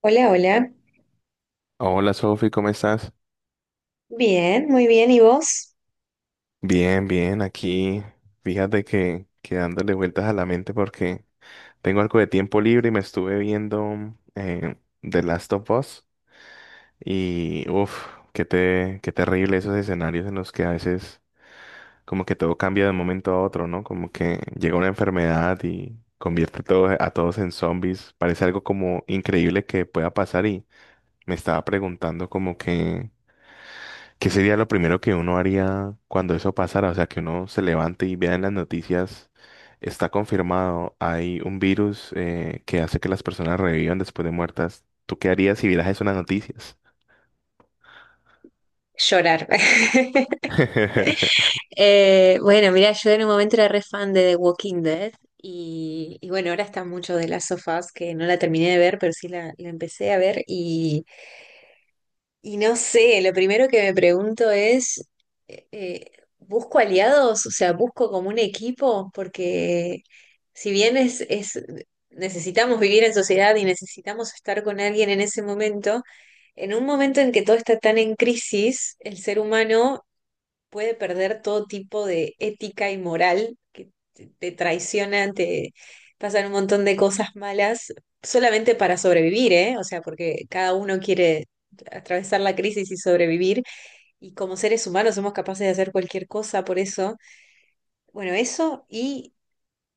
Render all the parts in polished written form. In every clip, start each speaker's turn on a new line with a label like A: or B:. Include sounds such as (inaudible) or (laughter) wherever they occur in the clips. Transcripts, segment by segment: A: Hola, hola.
B: Hola Sofi, ¿cómo estás?
A: Bien, muy bien. ¿Y vos?
B: Bien, bien, aquí fíjate que dándole vueltas a la mente porque tengo algo de tiempo libre y me estuve viendo The Last of Us y uff, qué terrible esos escenarios en los que a veces como que todo cambia de un momento a otro, ¿no? Como que llega una enfermedad y convierte todo, a todos en zombies. Parece algo como increíble que pueda pasar y me estaba preguntando como que... ¿Qué sería lo primero que uno haría cuando eso pasara? O sea, que uno se levante y vea en las noticias, está confirmado, hay un virus que hace que las personas revivan después de muertas. ¿Tú qué harías si vieras eso en las noticias?
A: Llorar. (laughs)
B: (laughs)
A: Yo en un momento era re fan de The Walking Dead y, bueno, ahora está mucho de las sofás que no la terminé de ver, pero sí la empecé a ver y no sé, lo primero que me pregunto es, eh, ¿busco aliados? O sea, ¿busco como un equipo? Porque si bien es, necesitamos vivir en sociedad y necesitamos estar con alguien en ese momento. En un momento en que todo está tan en crisis, el ser humano puede perder todo tipo de ética y moral, que te traicionan, te pasan un montón de cosas malas, solamente para sobrevivir, ¿eh? O sea, porque cada uno quiere atravesar la crisis y sobrevivir, y como seres humanos somos capaces de hacer cualquier cosa por eso. Bueno, eso y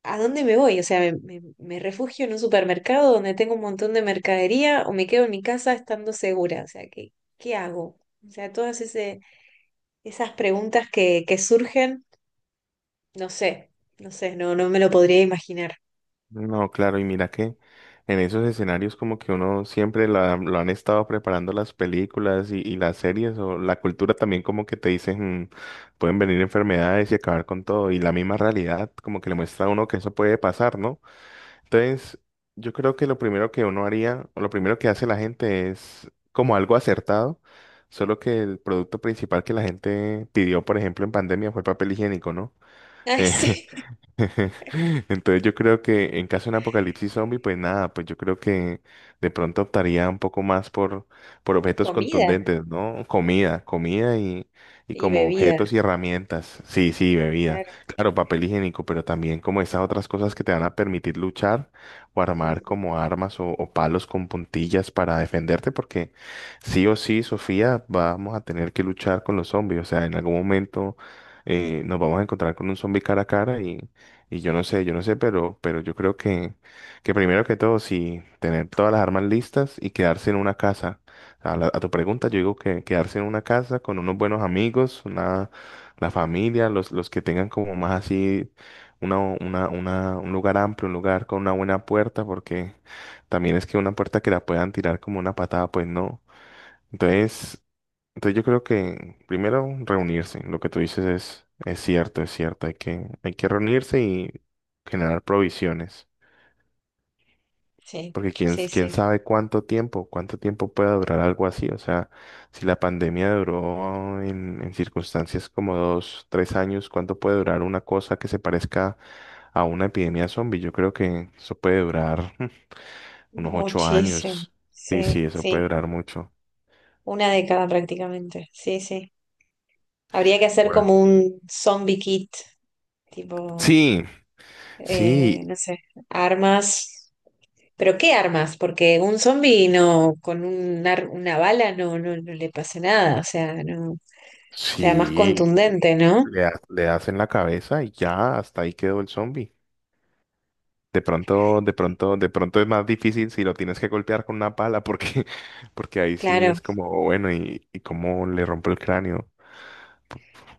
A: ¿a dónde me voy? O sea, me refugio en un supermercado donde tengo un montón de mercadería o me quedo en mi casa estando segura? O sea, ¿qué, qué hago? O sea, esas preguntas que surgen, no sé, no sé, no me lo podría imaginar.
B: No, claro, y mira que en esos escenarios como que uno siempre lo han estado preparando las películas y las series o la cultura también como que te dicen "Mm, pueden venir enfermedades y acabar con todo y la misma realidad como que le muestra a uno que eso puede pasar, ¿no? Entonces, yo creo que lo primero que uno haría, o lo primero que hace la gente es como algo acertado, solo que el producto principal que la gente pidió, por ejemplo, en pandemia fue el papel higiénico, ¿no?
A: (laughs) Ay,
B: (laughs)
A: sí.
B: (laughs) Entonces yo creo que en caso de un apocalipsis zombie, pues nada, pues yo creo que de pronto optaría un poco más por objetos
A: Comida
B: contundentes, ¿no? Comida, y
A: y
B: como
A: bebida,
B: objetos y herramientas. Sí, sí, bebida.
A: claro.
B: Claro, papel higiénico, pero también como esas otras cosas que te van a permitir luchar o armar
A: Ujú.
B: como armas o palos con puntillas para defenderte, porque sí o sí, Sofía, vamos a tener que luchar con los zombies. O sea, en algún momento nos vamos a encontrar con un zombie cara a cara y yo no sé, pero yo creo que primero que todo, sí, tener todas las armas listas y quedarse en una casa. A, a tu pregunta, yo digo que quedarse en una casa con unos buenos amigos, una, la familia, los que tengan como más así un lugar amplio, un lugar con una buena puerta, porque también es que una puerta que la puedan tirar como una patada, pues no. Entonces, entonces yo creo que primero reunirse, lo que tú dices es cierto, hay que reunirse y generar provisiones,
A: Sí,
B: porque
A: sí,
B: quién
A: sí.
B: sabe cuánto tiempo pueda durar algo así, o sea, si la pandemia duró en circunstancias como 2, 3 años, ¿cuánto puede durar una cosa que se parezca a una epidemia zombie? Yo creo que eso puede durar (laughs) unos ocho
A: Muchísimo.
B: años, sí, sí,
A: Sí,
B: eso puede
A: sí.
B: durar mucho.
A: Una década prácticamente. Sí, sí. Habría que hacer
B: Bueno.
A: como un zombie kit, tipo.
B: Sí, sí,
A: No sé, armas. ¿Pero qué armas? Porque un zombi no, con una bala no, no le pasa nada, o sea, no, o sea, más
B: Sí,
A: contundente, ¿no?
B: le, le hacen la cabeza y ya, hasta ahí quedó el zombie. De pronto es más difícil si lo tienes que golpear con una pala, porque, (laughs) porque ahí sí
A: Claro.
B: es como, bueno, y cómo le rompo el cráneo.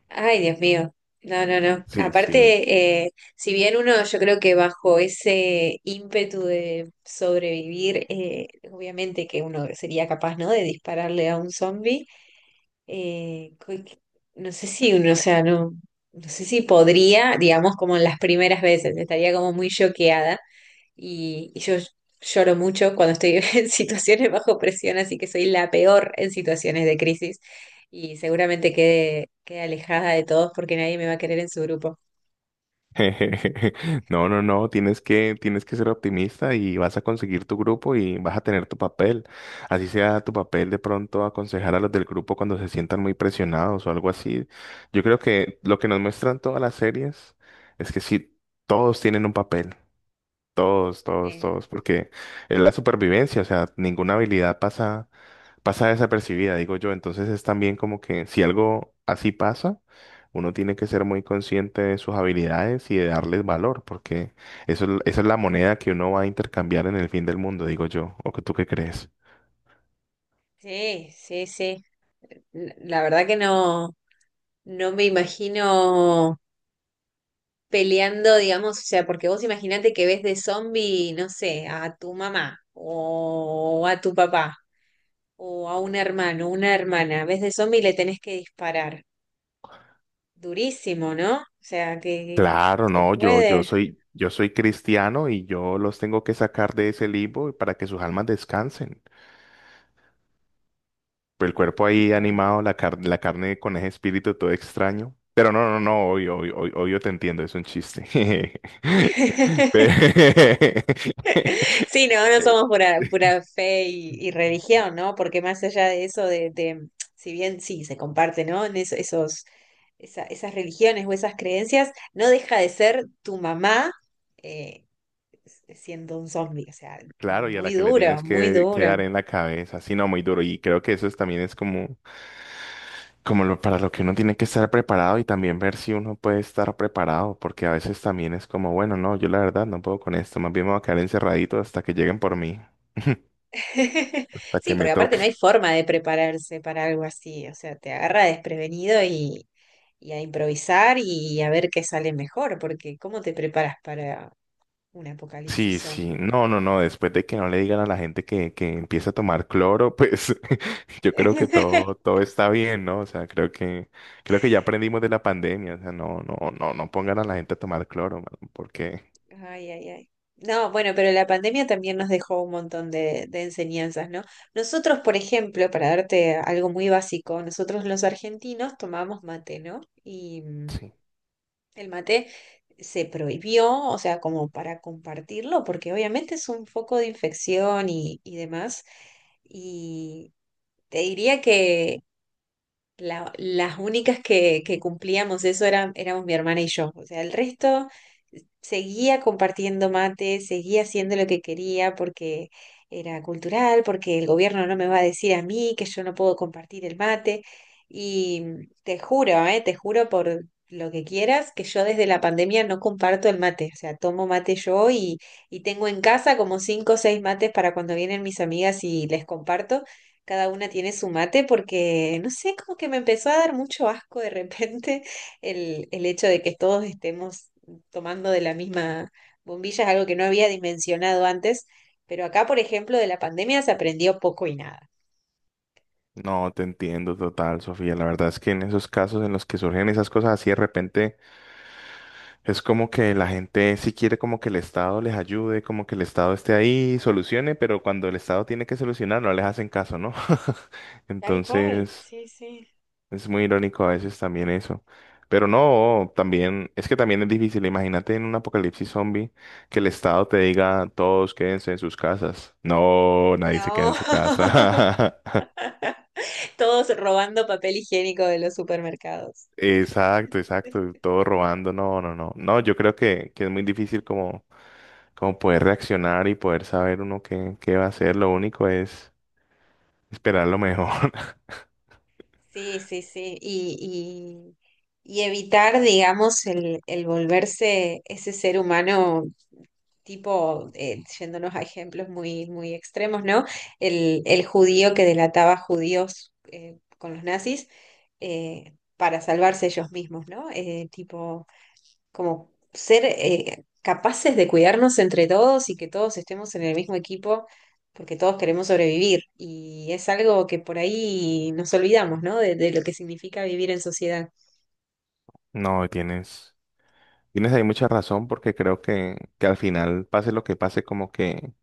A: Ay, Dios mío. No, no, no.
B: Sí, sí.
A: Aparte, si bien uno, yo creo que bajo ese ímpetu de sobrevivir, obviamente que uno sería capaz, ¿no? De dispararle a un zombi eh, cu- no sé si uno, o sea, no, no sé si podría, digamos, como en las primeras veces, estaría como muy choqueada y yo lloro mucho cuando estoy (laughs) en situaciones bajo presión, así que soy la peor en situaciones de crisis y seguramente quede alejada de todos porque nadie me va a querer en su grupo.
B: (laughs) No, no, no, tienes que ser optimista y vas a conseguir tu grupo y vas a tener tu papel. Así sea tu papel de pronto aconsejar a los del grupo cuando se sientan muy presionados o algo así. Yo creo que lo que nos muestran todas las series es que sí, todos tienen un papel. Todos, todos,
A: Sí,
B: todos, porque es la supervivencia, o sea, ninguna habilidad pasa, pasa desapercibida, digo yo. Entonces es también como que si algo así pasa, uno tiene que ser muy consciente de sus habilidades y de darles valor, porque eso, esa es la moneda que uno va a intercambiar en el fin del mundo, digo yo. ¿O que tú qué crees?
A: sí, sí. Sí. La verdad que no, no me imagino. Peleando, digamos, o sea, porque vos imaginate que ves de zombie, no sé, a tu mamá o a tu papá o a un hermano, una hermana, ves de zombie y le tenés que disparar. Durísimo, ¿no? O sea, que
B: Claro,
A: se
B: no,
A: puede.
B: yo soy cristiano y yo los tengo que sacar de ese limbo para que sus almas descansen. El
A: No,
B: cuerpo ahí
A: claro.
B: animado, la la carne con ese espíritu todo extraño. Pero no, no, no, obvio, obvio, obvio, obvio te entiendo, es un chiste. (laughs)
A: (laughs)
B: Pe-
A: Sí,
B: (laughs)
A: no, no
B: Eh,
A: somos pura, pura fe y religión, ¿no? Porque más allá de eso, si bien sí se comparte, ¿no? Esos, esas religiones o esas creencias, no deja de ser tu mamá eh, siendo un zombie, o sea,
B: Claro, y a la
A: muy
B: que le
A: duro,
B: tienes
A: muy
B: que
A: duro.
B: dar en la cabeza, sí, no, muy duro. Y creo que eso también es como, como lo, para lo que uno tiene que estar preparado y también ver si uno puede estar preparado, porque a veces también es como, bueno, no, yo la verdad no puedo con esto, más bien me voy a quedar encerradito hasta que lleguen por mí,
A: (laughs)
B: hasta
A: Sí,
B: que me
A: porque aparte
B: toque.
A: no hay forma de prepararse para algo así, o sea, te agarra desprevenido y a improvisar y a ver qué sale mejor, porque ¿cómo te preparas para un apocalipsis
B: Sí, sí,
A: zombie?
B: no, no, no, después de que no le digan a la gente que empieza a tomar cloro, pues (laughs) yo creo que todo,
A: (laughs)
B: todo está bien, ¿no? O sea, creo que ya aprendimos de la pandemia, o sea, no, no, no, no pongan a la gente a tomar cloro, mano, porque
A: Ay, ay, ay. No, bueno, pero la pandemia también nos dejó un montón de enseñanzas, ¿no? Nosotros, por ejemplo, para darte algo muy básico, nosotros los argentinos tomamos mate, ¿no? Y
B: sí,
A: el mate se prohibió, o sea, como para compartirlo, porque obviamente es un foco de infección y demás. Y te diría las únicas que cumplíamos eso eran, éramos mi hermana y yo. O sea, el resto seguía compartiendo mate, seguía haciendo lo que quería porque era cultural, porque el gobierno no me va a decir a mí que yo no puedo compartir el mate. Y te juro por lo que quieras, que yo desde la pandemia no comparto el mate. O sea, tomo mate yo y tengo en casa como cinco o seis mates para cuando vienen mis amigas y les comparto cada una tiene su mate porque, no sé, como que me empezó a dar mucho asco de repente (laughs) el hecho de que todos estemos tomando de la misma bombilla, es algo que no había dimensionado antes, pero acá, por ejemplo, de la pandemia se aprendió poco y nada.
B: no, te entiendo total, Sofía, la verdad es que en esos casos en los que surgen esas cosas así de repente, es como que la gente sí quiere como que el Estado les ayude, como que el Estado esté ahí y solucione, pero cuando el Estado tiene que solucionar no les hacen caso, ¿no? (laughs)
A: Tal cual,
B: Entonces...
A: sí, sí.
B: Es muy irónico a veces también eso. Pero no, también, es que también es difícil. Imagínate en un apocalipsis zombie que el Estado te diga todos quédense en sus casas. No, nadie se queda en
A: No,
B: su casa.
A: (laughs) todos robando papel higiénico de los supermercados.
B: (laughs) Exacto, exacto. Todo robando. No, no, no. No, yo creo que es muy difícil como, como poder reaccionar y poder saber uno qué va a hacer. Lo único es esperar lo mejor. (laughs)
A: Sí, sí, sí. Y, y evitar, digamos, el volverse ese ser humano tipo, yéndonos a ejemplos muy, muy extremos, ¿no? El judío que delataba judíos con los nazis para salvarse ellos mismos, ¿no? Tipo, como ser capaces de cuidarnos entre todos y que todos estemos en el mismo equipo. Porque todos queremos sobrevivir y es algo que por ahí nos olvidamos, ¿no? De lo que significa vivir en sociedad.
B: No, tienes, tienes ahí mucha razón porque creo que al final, pase lo que pase,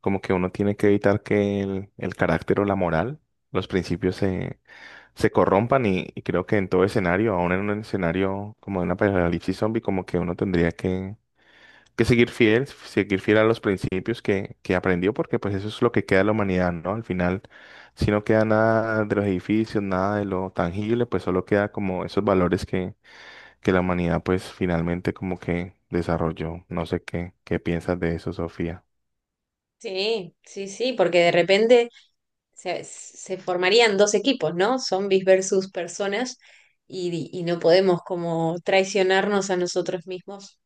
B: como que uno tiene que evitar que el carácter o la moral, los principios se, se corrompan y creo que en todo escenario, aún en un escenario como de una apocalipsis zombie, como que uno tendría que seguir fiel a los principios que aprendió, porque pues eso es lo que queda de la humanidad, ¿no? Al final, si no queda nada de los edificios, nada de lo tangible, pues solo queda como esos valores que la humanidad pues finalmente como que desarrolló. No sé qué, qué piensas de eso, Sofía.
A: Sí, sí, sí, porque de repente se formarían dos equipos, ¿no? Zombies versus personas y no podemos como traicionarnos a nosotros mismos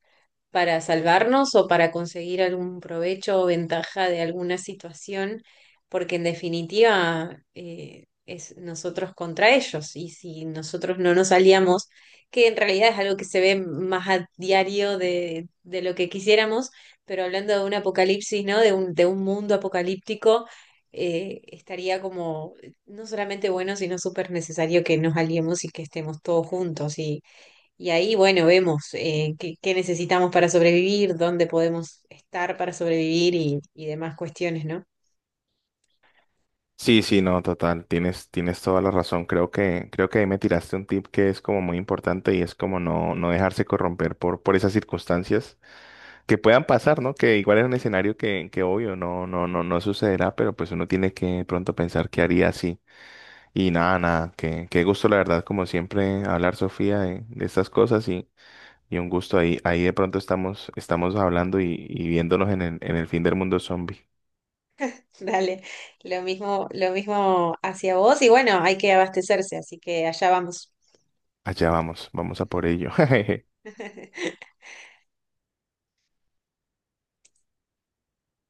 A: para salvarnos o para conseguir algún provecho o ventaja de alguna situación, porque en definitiva es nosotros contra ellos y si nosotros no nos aliamos, que en realidad es algo que se ve más a diario de lo que quisiéramos, pero hablando de un apocalipsis, ¿no? De de un mundo apocalíptico. Estaría como no solamente bueno, sino súper necesario que nos aliemos y que estemos todos juntos y ahí, bueno, vemos qué, qué necesitamos para sobrevivir, dónde podemos estar para sobrevivir y demás cuestiones, ¿no?
B: Sí, sí, no, total, tienes, tienes toda la razón. Creo que ahí me tiraste un tip que es como muy importante y es como no, no dejarse corromper por esas circunstancias que puedan pasar, ¿no? Que igual es un escenario que obvio no, no, no, no sucederá, pero pues uno tiene que de pronto pensar qué haría así. Y nada, qué gusto, la verdad, como siempre, hablar, Sofía, de estas cosas y un gusto ahí, ahí de pronto estamos, estamos hablando y viéndonos en en el fin del mundo zombie.
A: (laughs) Dale, lo mismo hacia vos y bueno, hay que abastecerse, así que allá vamos.
B: Allá vamos, vamos a por ello. (laughs)
A: (laughs)